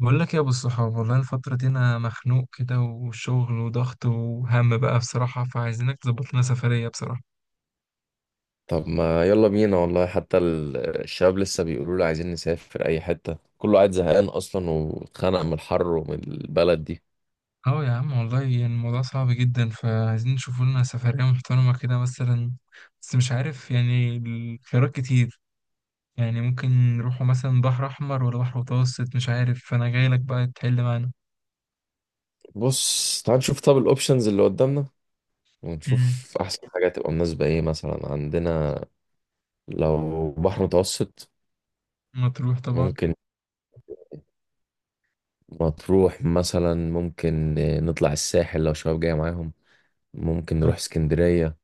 بقول لك يا ابو الصحاب، والله الفترة دي انا مخنوق كده، وشغل وضغط وهم بقى بصراحة، فعايزينك تظبط لنا سفرية بصراحة. طب ما يلا بينا والله حتى الشباب لسه بيقولوا لي عايزين نسافر اي حتة، كله قاعد زهقان اصلا واتخنق من الحر ومن البلد دي. اه يا عم، والله يعني الموضوع صعب جدا، فعايزين نشوف لنا سفرية محترمة كده مثلا. بس مش عارف، يعني الخيارات كتير. يعني ممكن نروحوا مثلا بحر احمر ولا بحر متوسط، مش عارف، فانا جاي لك بقى تحل معانا. بص، تعال نشوف طب الاوبشنز اللي قدامنا، امم ونشوف احسن حاجة تبقى مناسبة ايه مثلا عندنا. لو بحر متوسط مطروح طبعا. ممكن، مطروح مثلا ممكن، نطلع الساحل لو شباب جاية معاهم، ممكن نروح اسكندرية.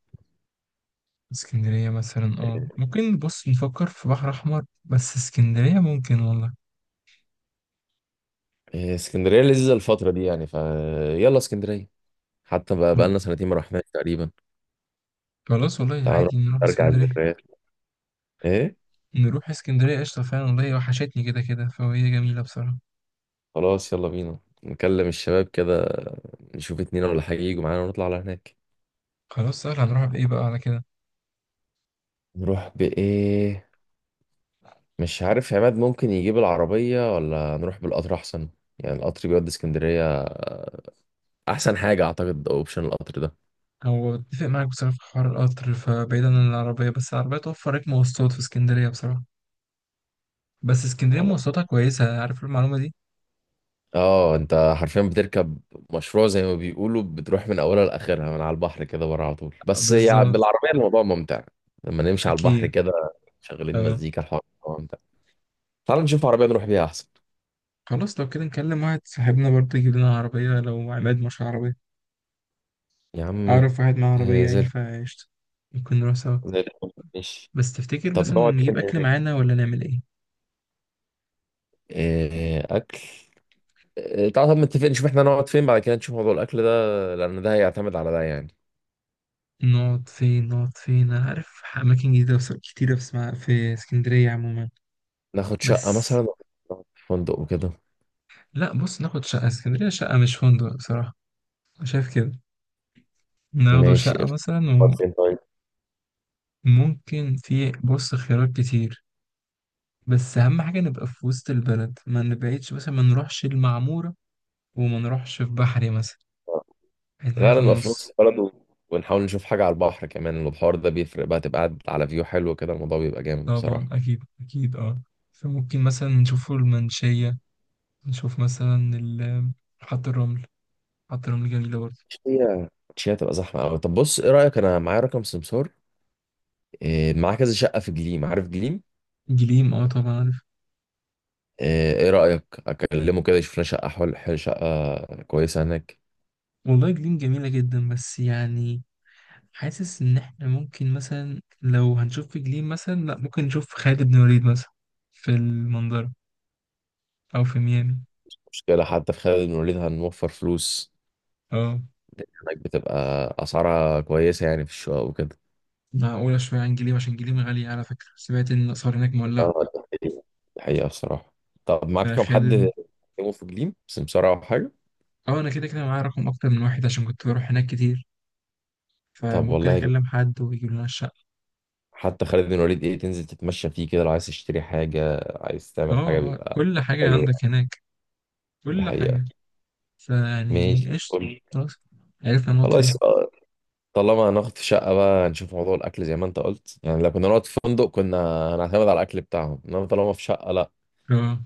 اسكندرية مثلا، اه ممكن، بص نفكر في بحر احمر، بس اسكندرية ممكن والله. إيه، اسكندرية لذيذة الفترة دي يعني، فيلا اسكندرية حتى بقى، بقالنا 2 سنتين ما رحناش تقريبا. خلاص والله، تعال نروح عادي نروح نرجع اسكندرية. الذكريات، ايه. نروح اسكندرية قشطة، فعلا والله وحشتني كده كده، فهي جميلة بصراحة. خلاص يلا بينا نكلم الشباب كده، نشوف اتنين ولا حاجة يجوا معانا ونطلع على هناك. خلاص سهل، هنروح بإيه بقى على كده؟ نروح بإيه؟ مش عارف، عماد ممكن يجيب العربية ولا نروح بالقطر أحسن. يعني القطر بيودي اسكندرية، أحسن حاجة أعتقد أوبشن القطر ده. هو اتفق معاك بصراحة في حوار القطر، فبعيدا عن العربية، بس العربية توفر لك مواصلات في اسكندرية بصراحة. بس اسكندرية ولا، مواصلاتها كويسة، عارف المعلومة دي؟ اه انت حرفيا بتركب مشروع زي ما بيقولوا، بتروح من اولها لاخرها من على البحر كده بره على طول، بس يعني بالظبط. بالعربيه الموضوع ممتع لما نمشي على البحر أكيد. كده، شغالين اه. مزيكا الحوار، ممتع. تعال نشوف عربية نروح بيها أحسن. خلاص لو كده نكلم واحد صاحبنا برضه يجيب لنا عربية، لو عماد مش عربية. يا عم، أعرف واحد معاه آه، عربية زي يعني، الفل. فقشطة. ممكن نروح سوا. زي الفل ماشي. بس تفتكر طب مثلا نقعد فين نجيب أكل هناك؟ معانا ولا نعمل إيه؟ آه، أكل. آه، تعال طب، متفق نشوف احنا نقعد فين بعد كده نشوف موضوع الأكل ده، لأن ده هيعتمد على ده يعني. نقعد فين، انا عارف اماكن جديده كتيره في اسمها في اسكندريه عموما. ناخد شقة مثلا بس أو نقعد في فندق وكده. لا، بص، ناخد شقه، اسكندريه شقه مش فندق بصراحه. أنا شايف كده. ناخده ماشي شقه قشطة. مثلا. نقعد فين طيب؟ وممكن في بص خيارات كتير، بس اهم حاجه نبقى في وسط البلد، ما نبعدش مثلا، ما نروحش المعموره، وما نروحش في بحري مثلا، يعني حاجه في غالبا نبقى في نص النص. البلد ونحاول نشوف حاجة على البحر كمان، البحر ده بيفرق بقى، تبقى قاعد على فيو حلو كده الموضوع بيبقى جامد طبعا، بصراحة. اكيد اكيد. اه. فممكن مثلا نشوف المنشيه، نشوف مثلا حط الرمل. حط الرمل جميله برضه. هي مش هي هتبقى زحمة أوي؟ طب بص، إيه رأيك، أنا معايا رقم سمسار، إيه، معاه كذا شقة في جليم، عارف جليم؟ جليم، اه طبعا عارف. ايه، إيه رأيك اكلمه كده يشوف لنا شقة، شقة كويسة هناك. والله جليم جميلة جدا، بس يعني حاسس ان احنا ممكن مثلا، لو هنشوف في جليم مثلا، لا ممكن نشوف خالد بن وليد مثلا، في المنظرة، او في ميامي. مشكلة، حتى في خالد بن الوليد هنوفر فلوس، اه، لأن هناك بتبقى اسعارها كويسة يعني في الشقق وكده. معقولة شوية عن جليم، عشان جليم غالية، على فكرة سمعت ان الاسعار هناك مولعة. اه ده حقيقة، ده حقيقة بصراحة. طب معاك كم حد فخالد، يكلمه في جليم بس بسرعة أو حاجة؟ اه انا كده كده معايا رقم اكتر من واحد، عشان كنت بروح هناك كتير، طب فممكن والله جامد. اكلم حد ويجيب لنا الشقة. حتى خالد بن الوليد، ايه، تنزل تتمشى فيه كده، لو عايز تشتري حاجة عايز اه تعمل حاجة اه، بيبقى كل حاجة حلو عندك يعني. هناك، ده كل حقيقة. حاجة. فيعني ماشي قشطة. قول لي. خلاص عرفنا نقعد خلاص، فين. طالما هناخد في شقة بقى نشوف موضوع الأكل زي ما أنت قلت. يعني لو كنا نقعد في فندق كنا هنعتمد على الأكل بتاعهم، إنما طالما في شقة، لأ، اه.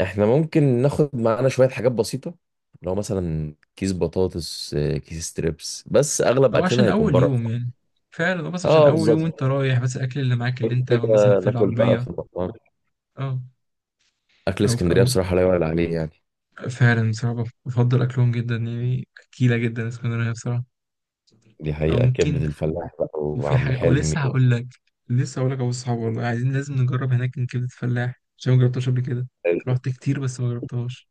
إحنا ممكن ناخد معانا شوية حاجات بسيطة. لو مثلا كيس بطاطس، كيس ستريبس، بس أغلب او أكلنا عشان هيكون اول بره. يوم يعني، فعلا هو بس عشان أه اول يوم انت بالظبط، رايح، بس الاكل اللي معاك اللي انت مثلا كده في ناكل بقى العربيه. في المطعم. اه. أكل او في اسكندرية او، بصراحة لا يعلى عليه يعني. فعلا بصراحه بفضل اكلهم جدا، يعني اكيله جدا اسكندريه بصراحه. دي او حقيقة، ممكن، كبدة الفلاح بقى وفي وعم حاجه، او حلمي. لسه هقول لك. ابو الصحاب، والله عايزين لازم نجرب هناك من كبده فلاح، عشان ما جربتهاش قبل كده. رحت كتير بس ما جربتهاش.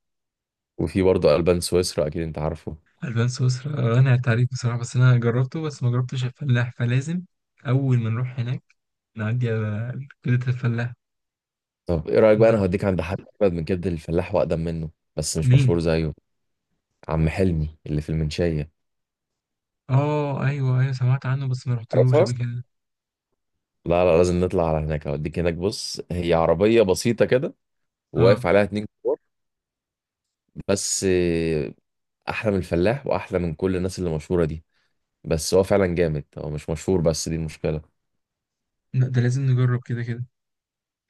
وفي برضه ألبان سويسرا، أكيد أنت عارفه. البان سويسرا انا عليك بصراحه، بس انا جربته، بس ما جربتش الفلاح، فلازم اول ما نروح هناك نعدي على كبده الفلاح. طب إيه رأيك بقى، أنا نعم. هوديك عند حد أجمد من كبدة الفلاح وأقدم منه، بس مش مين؟ مشهور زيه. عم حلمي اللي في المنشية. اه ايوه ايوه، سمعت عنه بس ما رحتلوش عارفها؟ قبل كده. لا لا، لازم نطلع على هناك، هوديك هناك. بص، هي عربية بسيطة كده وواقف اه، عليها اتنين كبار، بس أحلى من الفلاح وأحلى من كل الناس اللي مشهورة دي. بس هو فعلا جامد، هو مش مشهور بس دي المشكلة. لا ده لازم نجرب كده كده،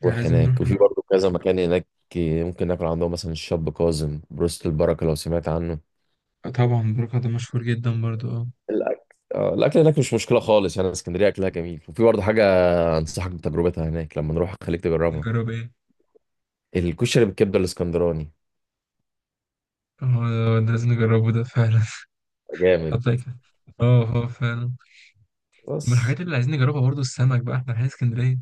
يعني روح لازم نروح هناك، وفي نجرب. برضه كذا مكان هناك. ممكن ناكل عندهم مثلا الشاب كاظم، بروست البركة لو سمعت عنه. آه، طبعا، بروكا ده مشهور جدا برضو. اه. الأكل، الأكل هناك مش مشكلة خالص يعني، اسكندرية أكلها جميل. وفي برضه حاجة أنصحك بتجربتها هناك، لما نروح خليك تجربها، نجرب ايه؟ الكشري بالكبدة الإسكندراني. اه ده لازم نجربه ده فعلا. جامد. حطيت كده. اه اه، فعلا. من بس الحاجات اللي عايزين نجربها برضو السمك بقى، احنا رايحين اسكندريه.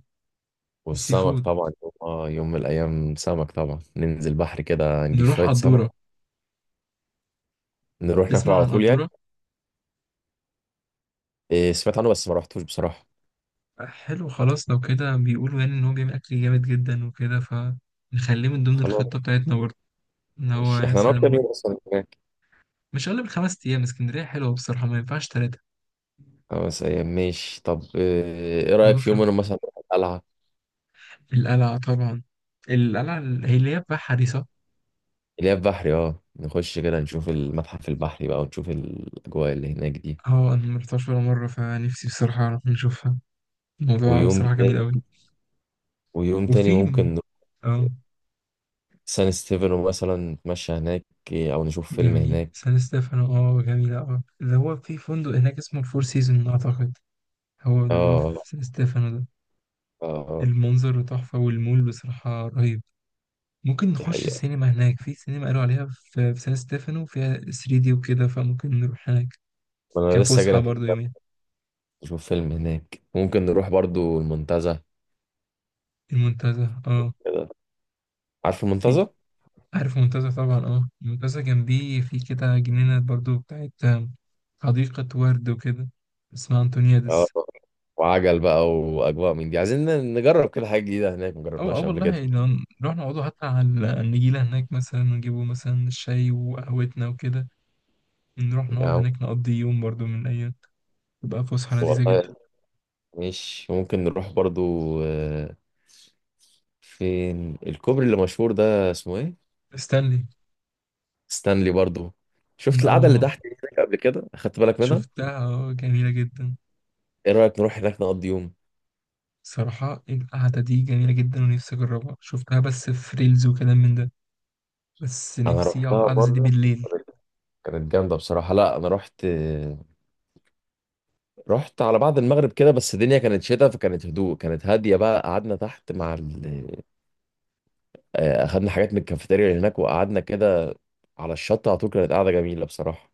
السي والسمك فود. طبعا، يوم يوم من الأيام سمك طبعا، ننزل بحر كده نجيب نروح شوية سمك قدوره. نروح ناكله تسمع على عن طول يعني. قدوره؟ إيه سمعت عنه بس ما رحتوش بصراحة. آه، حلو، خلاص. لو كده بيقولوا يعني ان هو بيعمل اكل جامد جدا وكده، فنخليه من ضمن خلاص الخطه بتاعتنا برضو. ان ماشي، هو احنا هنقعد كام مثلا يوم أصلا هناك؟ مش اقل من 5 ايام، اسكندريه حلوه بصراحه، ما ينفعش تلاتة. 5 أيام ماشي. طب إيه، إيه رأيك في يوم مدخن. منهم مثلا نروح القلعة، القلعة طبعا. القلعة، هي اللي هي بقى حديثة. اللي هي البحري، اه نخش كده نشوف المتحف البحري بقى ونشوف الأجواء اللي هناك دي. اه أنا مرحتهاش ولا مرة، فنفسي بصراحة أعرف نشوفها. الموضوع ويوم بصراحة جميل تاني أوي. ويوم تاني وفي ممكن نروح اه سان ستيفن مثلا نتمشى هناك. إيه، أو نشوف فيلم جميل هناك. سان ستيفانو، اه جميلة، اه اللي هو في فندق هناك اسمه الفور سيزون أعتقد، هو اللي هو اه في سان ستيفانو ده. آه، آه، المنظر تحفة، والمول بصراحة رهيب. ممكن دي نخش حقيقة، السينما هناك، في سينما قالوا عليها في سان ستيفانو فيها 3D وكده، فممكن نروح هناك انا لسه جاي كفسحة برضه يومين. نشوف فيلم هناك. ممكن نروح برضو المنتزه المنتزه، اه. كده. عارف في المنتزه؟ عارف منتزه طبعا، اه منتزه جنبيه في كده جنينة برضو بتاعت، حديقة ورد وكده، اسمها اه، أنتونيادس. وعجل بقى واجواء من دي عايزين نجرب كده حاجه جديده هناك ما أو جربناش أو قبل كده والله لو نروح نقعدوا حتى على النجيلة هناك مثلا، ونجيبوا مثلا الشاي وقهوتنا وكده، نروح نقعد يعني. هناك نقضي يوم برضو من الأيام، تبقى فسحة بس لذيذة جدا. والله، مش ممكن نروح برضو، آه، فين الكوبري اللي مشهور ده اسمه ايه؟ استنلي. ستانلي برضو. شفت القعده اللي اه تحت دي هناك قبل كده، اخدت بالك منها؟ شفتها، اه جميلة جدا. ايه رايك نروح هناك نقضي يوم؟ صراحة القعدة دي جميلة جدا، ونفسي أجربها، شفتها بس في ريلز وكلام من ده، بس انا نفسي أقعد رحتها قعدة زي دي مره، بالليل. كانت كانت جامده بصراحه. لا انا رحت، على بعد المغرب كده، بس الدنيا كانت شتاء فكانت هدوء، كانت هادية بقى، قعدنا تحت مع أخدنا حاجات من الكافيتيريا اللي هناك وقعدنا كده على الشط على طول، كانت قاعدة جميلة بصراحة.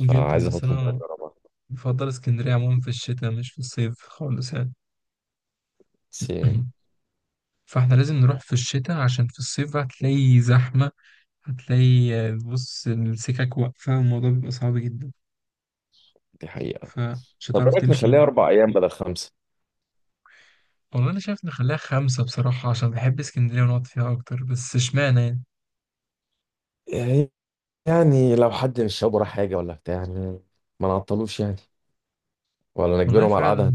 جدا. بس أخدكم كده أنا تجربها. بفضل اسكندرية عموما في الشتاء مش في الصيف خالص يعني. بس فاحنا لازم نروح في الشتاء، عشان في الصيف بقى هتلاقي زحمة، هتلاقي، آه، بص السكك واقفة، الموضوع بيبقى صعب جدا. دي حقيقة. فمش طب إيه هتعرف رأيك نخليها تمشي. 4 أيام بدل 5؟ والله أنا شايف نخليها خمسة بصراحة، عشان بحب اسكندرية ونقعد فيها أكتر، بس اشمعنى يعني. يعني يعني لو حد من الشباب وراه حاجة ولا بتاع يعني، ما نعطلوش يعني، ولا والله نجبرهم على القعدة. فعلا.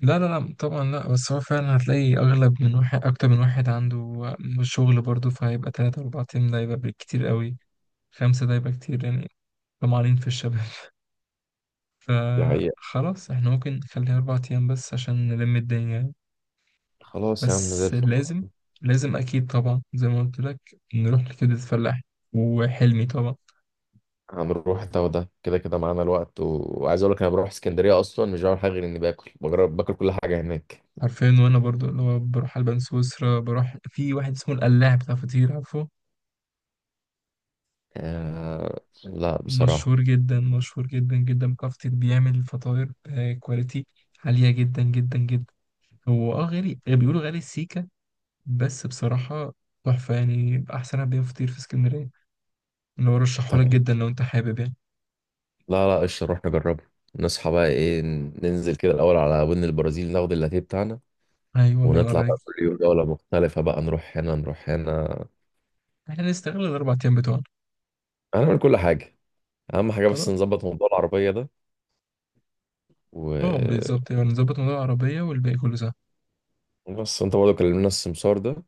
لا لا لا طبعا لا، بس هو فعلا هتلاقي أغلب من واحد، أكتر من واحد عنده، آه، شغل برضه، فهيبقى تلاتة أربعة أيام ده يبقى بالكتير قوي، خمسة ده يبقى كتير يعني. طمعانين في الشباب. دي حقيقة. فخلاص احنا ممكن نخليها 4 أيام بس عشان نلم الدنيا يعني. خلاص يا عم زي بس الفل. لازم، لازم أكيد طبعا زي ما قلت لك، نروح لكبدة الفلاح، وحلمي طبعا. هنروح ده وده، كده كده معانا الوقت وعايز اقول لك انا بروح اسكندريه اصلا مش بعمل حاجه غير اني باكل، بجرب باكل كل حاجه هناك. حرفيا. وأنا برضو اللي هو بروح ألبان سويسرا، بروح في واحد اسمه القلاع بتاع فطير، عارفه؟ لا بصراحه. مشهور جدا، مشهور جدا جدا، بتاع فطير، بيعمل فطاير آه، كواليتي عالية جدا جدا جدا. هو اه غالي، بيقولوا غالي السيكة، بس بصراحة تحفة يعني، أحسن بيع فطير في اسكندرية. اللي هو طب رشحهولك جدا لو أنت حابب يعني. لا لا، قشطه نروح نجربه. نصحى بقى ايه، ننزل كده الاول على ودن البرازيل ناخد اللاتيه بتاعنا، ايوه، الله ينور ونطلع بقى عليك. كل يوم دوله مختلفه، بقى نروح هنا نروح هنا، احنا نستغل ال4 ايام بتوعنا. هنعمل كل حاجه. اهم حاجه بس خلاص. نظبط موضوع العربيه ده اه و- بالظبط، يبقى نظبط موضوع العربية والباقي كله سهل. وبس انت برضه كلمنا السمسار ده،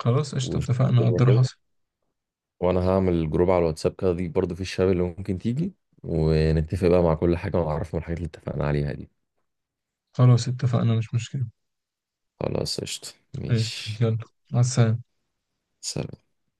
خلاص قشطة، وشوف اتفقنا الدنيا قدر كده. حصل. وانا هعمل جروب على الواتساب كده، دي برضه في الشباب اللي ممكن تيجي ونتفق بقى مع كل حاجة ونعرفهم الحاجات اللي اتفقنا عليها دي. خلاص اتفقنا، مش مشكلة. خلاص قشطة قشطة، ماشي. يلا. مع السلامة. سلام.